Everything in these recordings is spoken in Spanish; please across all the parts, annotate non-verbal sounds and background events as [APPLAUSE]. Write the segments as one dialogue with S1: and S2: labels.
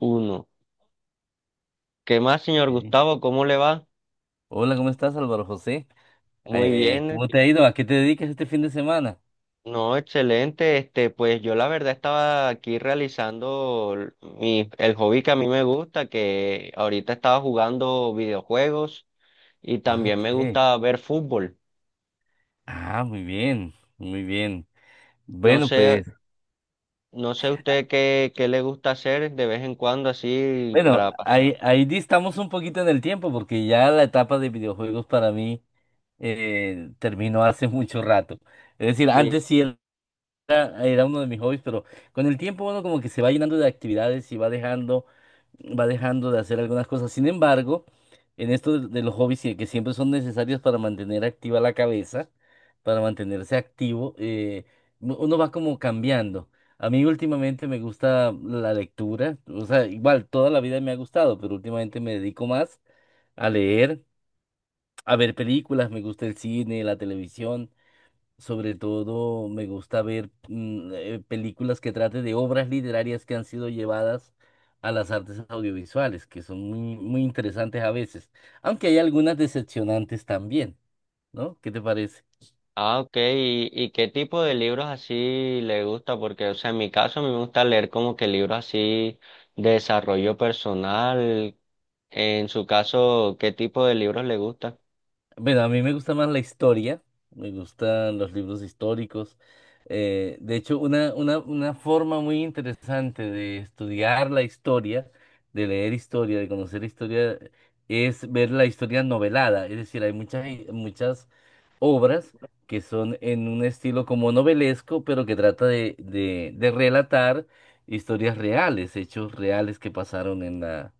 S1: Uno. ¿Qué más, señor
S2: Ok.
S1: Gustavo? ¿Cómo le va?
S2: Hola, ¿cómo estás, Álvaro José?
S1: Muy bien.
S2: ¿Cómo te ha ido? ¿A qué te dedicas este fin de semana?
S1: No, excelente. Pues yo la verdad estaba aquí realizando el hobby que a mí me gusta, que ahorita estaba jugando videojuegos y
S2: Ah,
S1: también me
S2: ok.
S1: gusta ver fútbol.
S2: Ah, muy bien, muy bien.
S1: No
S2: Bueno,
S1: sé,
S2: pues,
S1: no sé usted qué le gusta hacer de vez en cuando así
S2: bueno,
S1: para pasar.
S2: ahí, ahí distamos un poquito en el tiempo porque ya la etapa de videojuegos para mí terminó hace mucho rato. Es decir,
S1: Sí.
S2: antes sí era uno de mis hobbies, pero con el tiempo uno como que se va llenando de actividades y va dejando de hacer algunas cosas. Sin embargo, en esto de los hobbies que siempre son necesarios para mantener activa la cabeza, para mantenerse activo, uno va como cambiando. A mí últimamente me gusta la lectura, o sea, igual toda la vida me ha gustado, pero últimamente me dedico más a leer, a ver películas, me gusta el cine, la televisión. Sobre todo me gusta ver películas que traten de obras literarias que han sido llevadas a las artes audiovisuales, que son muy, muy interesantes a veces, aunque hay algunas decepcionantes también, ¿no? ¿Qué te parece?
S1: Ah, ok. ¿Y qué tipo de libros así le gusta? Porque, o sea, en mi caso a mí me gusta leer como que libros así de desarrollo personal. En su caso, ¿qué tipo de libros le gusta?
S2: Bueno, a mí me gusta más la historia, me gustan los libros históricos. De hecho, una forma muy interesante de estudiar la historia, de leer historia, de conocer historia, es ver la historia novelada. Es decir, hay muchas, muchas obras que son en un estilo como novelesco, pero que trata de relatar historias reales, hechos reales que pasaron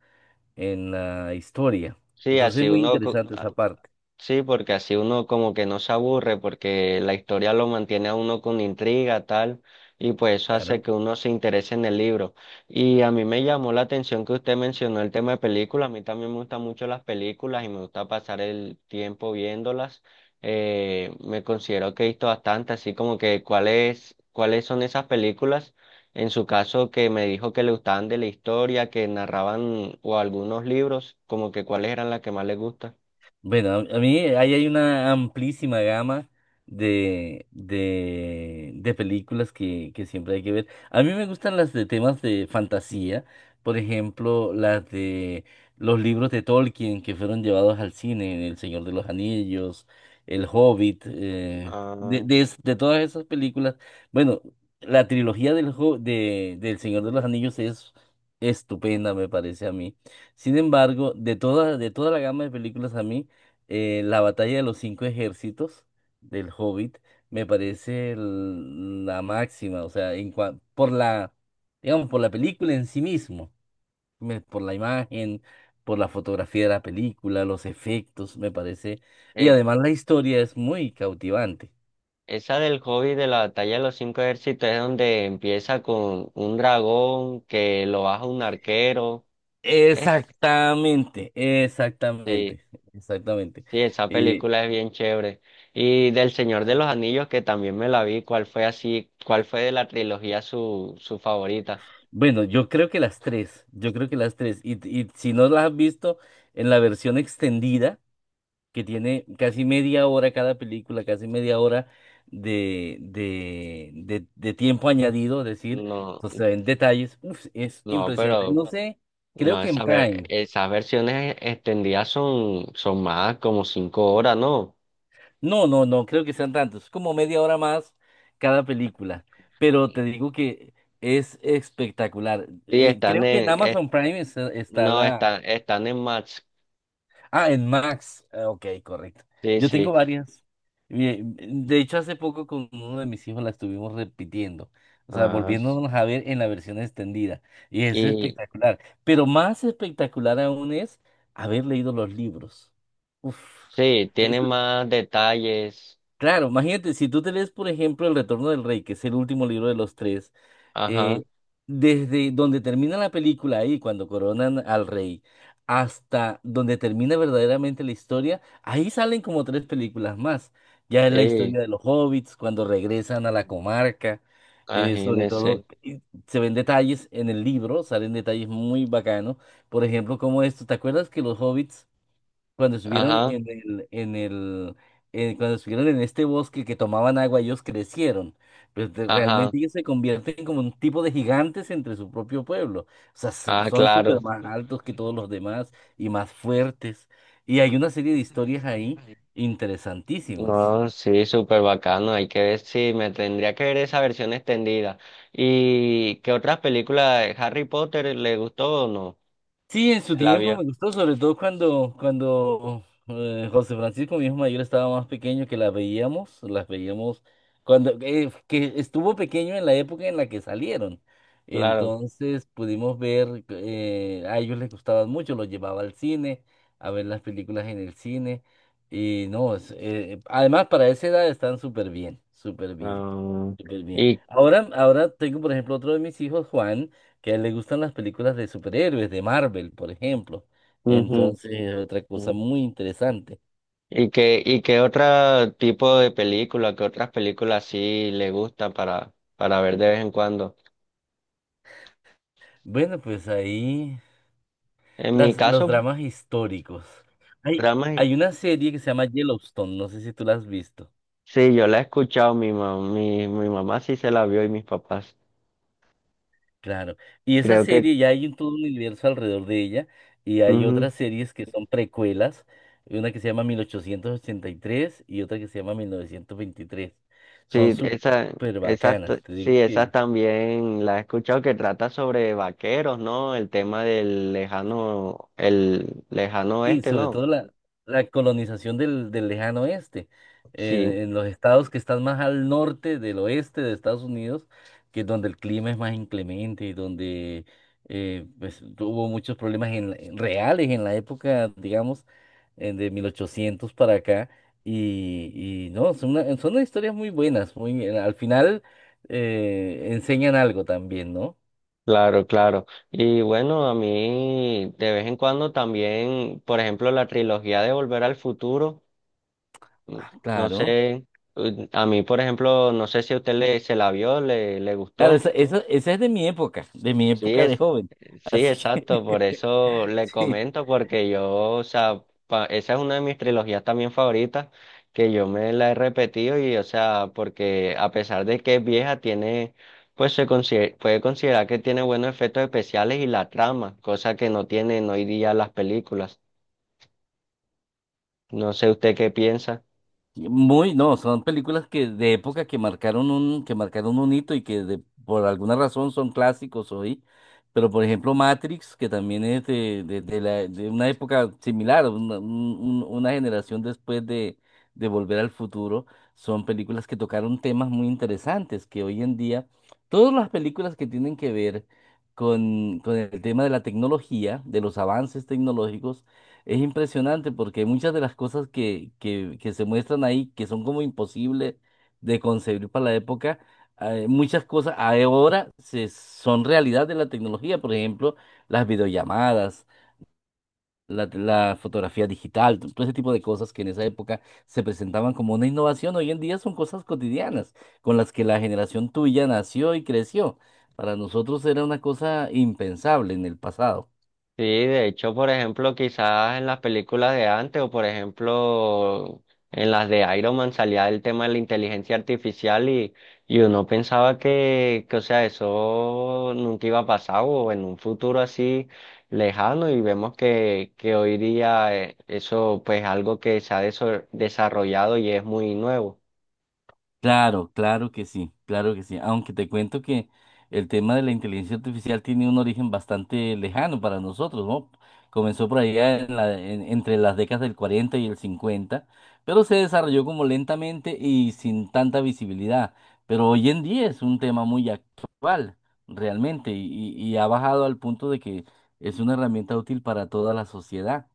S2: en la historia.
S1: Sí,
S2: Entonces es
S1: así
S2: muy
S1: uno co-
S2: interesante esa parte.
S1: Sí, porque así uno como que no se aburre, porque la historia lo mantiene a uno con intriga, tal, y pues eso hace
S2: Claro.
S1: que uno se interese en el libro. Y a mí me llamó la atención que usted mencionó el tema de películas, a mí también me gustan mucho las películas y me gusta pasar el tiempo viéndolas. Me considero que he visto bastante, así como que cuáles, cuáles son esas películas, en su caso que me dijo que le gustaban de la historia, que narraban o algunos libros, como que cuáles eran las que más le gustan.
S2: Bueno, a mí ahí hay una amplísima gama de películas que siempre hay que ver. A mí me gustan las de temas de fantasía, por ejemplo, las de los libros de Tolkien que fueron llevados al cine: El Señor de los Anillos, El Hobbit, de todas esas películas. Bueno, la trilogía del Señor de los Anillos es estupenda, me parece a mí. Sin embargo, de toda la gama de películas a mí, la batalla de los cinco ejércitos del Hobbit me parece la máxima, o sea, por la, digamos, por la película en sí mismo, por la imagen, por la fotografía de la película, los efectos, me parece, y
S1: Eh,
S2: además la historia es muy cautivante.
S1: Esa del hobby de la batalla de los cinco ejércitos es donde empieza con un dragón que lo baja un arquero. Eh,
S2: Exactamente,
S1: sí,
S2: exactamente, exactamente.
S1: sí, esa
S2: Eh,
S1: película es bien chévere. Y del Señor de los Anillos, que también me la vi, ¿cuál fue así, cuál fue de la trilogía su favorita?
S2: bueno, yo creo que las tres, yo creo que las tres, y si no las has visto en la versión extendida, que tiene casi media hora cada película, casi media hora de tiempo añadido, es decir,
S1: No,
S2: entonces en detalles, uf, es
S1: no,
S2: impresionante.
S1: pero
S2: No sé, creo
S1: no,
S2: que en Prime.
S1: esas versiones extendidas son, son más como cinco horas, ¿no?
S2: No, no, no, creo que sean tantos, como media hora más cada película, pero te digo que es espectacular.
S1: Sí, están
S2: Creo que en
S1: en, es-
S2: Amazon Prime está, está
S1: no,
S2: la...
S1: están, están en Max.
S2: Ah, en Max. Ah, ok, correcto.
S1: Sí,
S2: Yo
S1: sí.
S2: tengo varias. De hecho, hace poco con uno de mis hijos la estuvimos repitiendo. O sea,
S1: Ah,
S2: volviéndonos a ver en la versión extendida. Y es
S1: y
S2: espectacular. Pero más espectacular aún es haber leído los libros. Uf.
S1: sí, tiene
S2: Eso,
S1: más detalles.
S2: claro, imagínate, si tú te lees, por ejemplo, El Retorno del Rey, que es el último libro de los tres, eh,
S1: Ajá,
S2: desde donde termina la película ahí, cuando coronan al rey, hasta donde termina verdaderamente la historia, ahí salen como tres películas más. Ya es la
S1: sí,
S2: historia de los hobbits, cuando regresan a la comarca, sobre
S1: imagínese.
S2: todo, y se ven detalles en el libro, salen detalles muy bacanos. Por ejemplo, como esto, ¿te acuerdas que los hobbits cuando estuvieron
S1: Ajá,
S2: cuando estuvieron en este bosque que tomaban agua, ellos crecieron.
S1: ajá,
S2: Realmente ellos se convierten como un tipo de gigantes entre su propio pueblo. O sea,
S1: ah,
S2: son súper
S1: claro.
S2: más altos que todos los demás y más fuertes. Y hay una serie de historias ahí interesantísimas.
S1: No, sí, súper bacano. Hay que ver si me tendría que ver esa versión extendida. ¿Y qué otras películas de Harry Potter le gustó o no?
S2: Sí, en su
S1: ¿La
S2: tiempo
S1: vio?
S2: me gustó, sobre todo cuando José Francisco, mi hijo mayor, estaba más pequeño, que las veíamos cuando que estuvo pequeño en la época en la que salieron.
S1: Claro.
S2: Entonces pudimos ver, a ellos les gustaban mucho, los llevaba al cine, a ver las películas en el cine. Y no, además para esa edad están súper bien, súper bien.
S1: Ah,
S2: Y pues bien.
S1: y,
S2: Ahora, ahora tengo, por ejemplo, otro de mis hijos, Juan, que a él le gustan las películas de superhéroes, de Marvel, por ejemplo.
S1: ujú,
S2: Entonces, es otra cosa
S1: ujú.
S2: muy interesante.
S1: ¿Y qué otro tipo de película, qué otras películas sí le gustan para ver de vez en cuando?
S2: Bueno, pues ahí
S1: En mi
S2: las, los
S1: caso,
S2: dramas históricos. Hay,
S1: dramas,
S2: hay una serie que se llama Yellowstone, no sé si tú la has visto.
S1: sí, yo la he escuchado, mi mamá, mi mamá sí se la vio y mis papás.
S2: Claro. Y esa
S1: Creo que,
S2: serie ya hay un todo un universo alrededor de ella y hay
S1: ujú,
S2: otras series que son precuelas, una que se llama 1883 y otra que se llama 1923. Son
S1: sí, esa,
S2: súper bacanas, te digo
S1: sí, esas
S2: que...
S1: también la he escuchado que trata sobre vaqueros, ¿no? El tema del lejano, el lejano
S2: Sí,
S1: oeste,
S2: sobre
S1: ¿no?
S2: todo la, la colonización del lejano oeste,
S1: Sí.
S2: en los estados que están más al norte del oeste de Estados Unidos, que es donde el clima es más inclemente y donde pues, hubo muchos problemas en reales en la época, digamos, de 1800 para acá. Y no, son unas historias muy buenas, muy, al final enseñan algo también, ¿no?
S1: Claro, claro. Y bueno, a mí de vez en cuando también, por ejemplo, la trilogía de Volver al Futuro, mm,
S2: Ah,
S1: no
S2: claro.
S1: sé, mm, a mí, por ejemplo, no sé si a usted se la vio, le
S2: Claro,
S1: gustó.
S2: esa es de mi época, de mi
S1: Sí,
S2: época de
S1: es,
S2: joven.
S1: sí,
S2: Así
S1: exacto, por
S2: que
S1: eso
S2: [LAUGHS]
S1: le
S2: sí,
S1: comento, porque yo, o sea, esa es una de mis trilogías también favoritas, que yo me la he repetido y, o sea, porque a pesar de que es vieja, tiene, puede considerar que tiene buenos efectos especiales y la trama, cosa que no tienen hoy día las películas. No sé usted qué piensa.
S2: muy... No, son películas que de época que marcaron un hito y que por alguna razón son clásicos hoy. Pero por ejemplo Matrix, que también es de una época similar, una generación después de Volver al Futuro, son películas que tocaron temas muy interesantes, que hoy en día, todas las películas que tienen que ver con el tema de la tecnología, de los avances tecnológicos, es impresionante porque muchas de las cosas que se muestran ahí, que son como imposibles de concebir para la época, muchas cosas ahora son realidad de la tecnología, por ejemplo, las videollamadas, la fotografía digital, todo ese tipo de cosas que en esa época se presentaban como una innovación, hoy en día son cosas cotidianas con las que la generación tuya nació y creció. Para nosotros era una cosa impensable en el pasado.
S1: Sí, de hecho, por ejemplo, quizás en las películas de antes o por ejemplo en las de Iron Man salía el tema de la inteligencia artificial y uno pensaba que, o sea, eso nunca iba a pasar o en un futuro así lejano y vemos que hoy día eso pues algo que se ha desarrollado y es muy nuevo.
S2: Claro, claro que sí, claro que sí. Aunque te cuento que el tema de la inteligencia artificial tiene un origen bastante lejano para nosotros, ¿no? Comenzó por allá entre las décadas del 40 y el 50, pero se desarrolló como lentamente y sin tanta visibilidad. Pero hoy en día es un tema muy actual, realmente, y ha bajado al punto de que es una herramienta útil para toda la sociedad.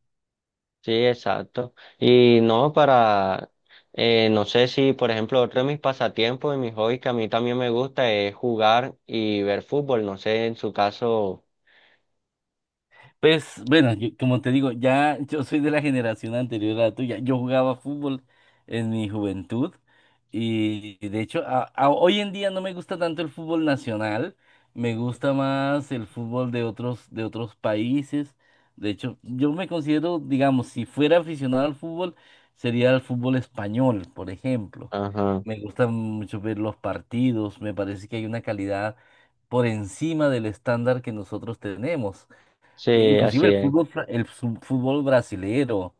S1: Sí, exacto. Y no para, no sé si, por ejemplo, otro de mis pasatiempos y mis hobbies que a mí también me gusta es jugar y ver fútbol. No sé, en su caso.
S2: Pues bueno, como te digo, ya yo soy de la generación anterior a la tuya. Yo jugaba fútbol en mi juventud y de hecho hoy en día no me gusta tanto el fútbol nacional, me gusta más el fútbol de otros países. De hecho, yo me considero, digamos, si fuera aficionado al fútbol, sería el fútbol español, por ejemplo.
S1: Ajá.
S2: Me gusta mucho ver los partidos, me parece que hay una calidad por encima del estándar que nosotros tenemos. E
S1: Sí, así
S2: inclusive el
S1: es.
S2: fútbol, fútbol brasilero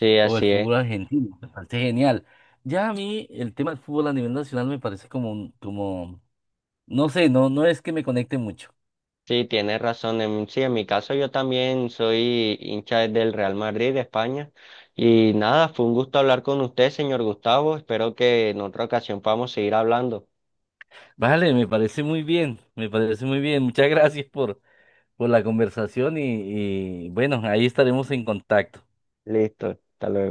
S1: Sí,
S2: o el
S1: así es.
S2: fútbol argentino, me parece genial. Ya a mí el tema del fútbol a nivel nacional me parece como, como, no sé, no, no es que me conecte mucho.
S1: Sí, tienes razón. En, sí, en mi caso yo también soy hincha del Real Madrid de España. Y nada, fue un gusto hablar con usted, señor Gustavo. Espero que en otra ocasión podamos seguir hablando.
S2: Vale, me parece muy bien, me parece muy bien. Muchas gracias por la conversación y bueno, ahí estaremos en contacto.
S1: Listo, hasta luego.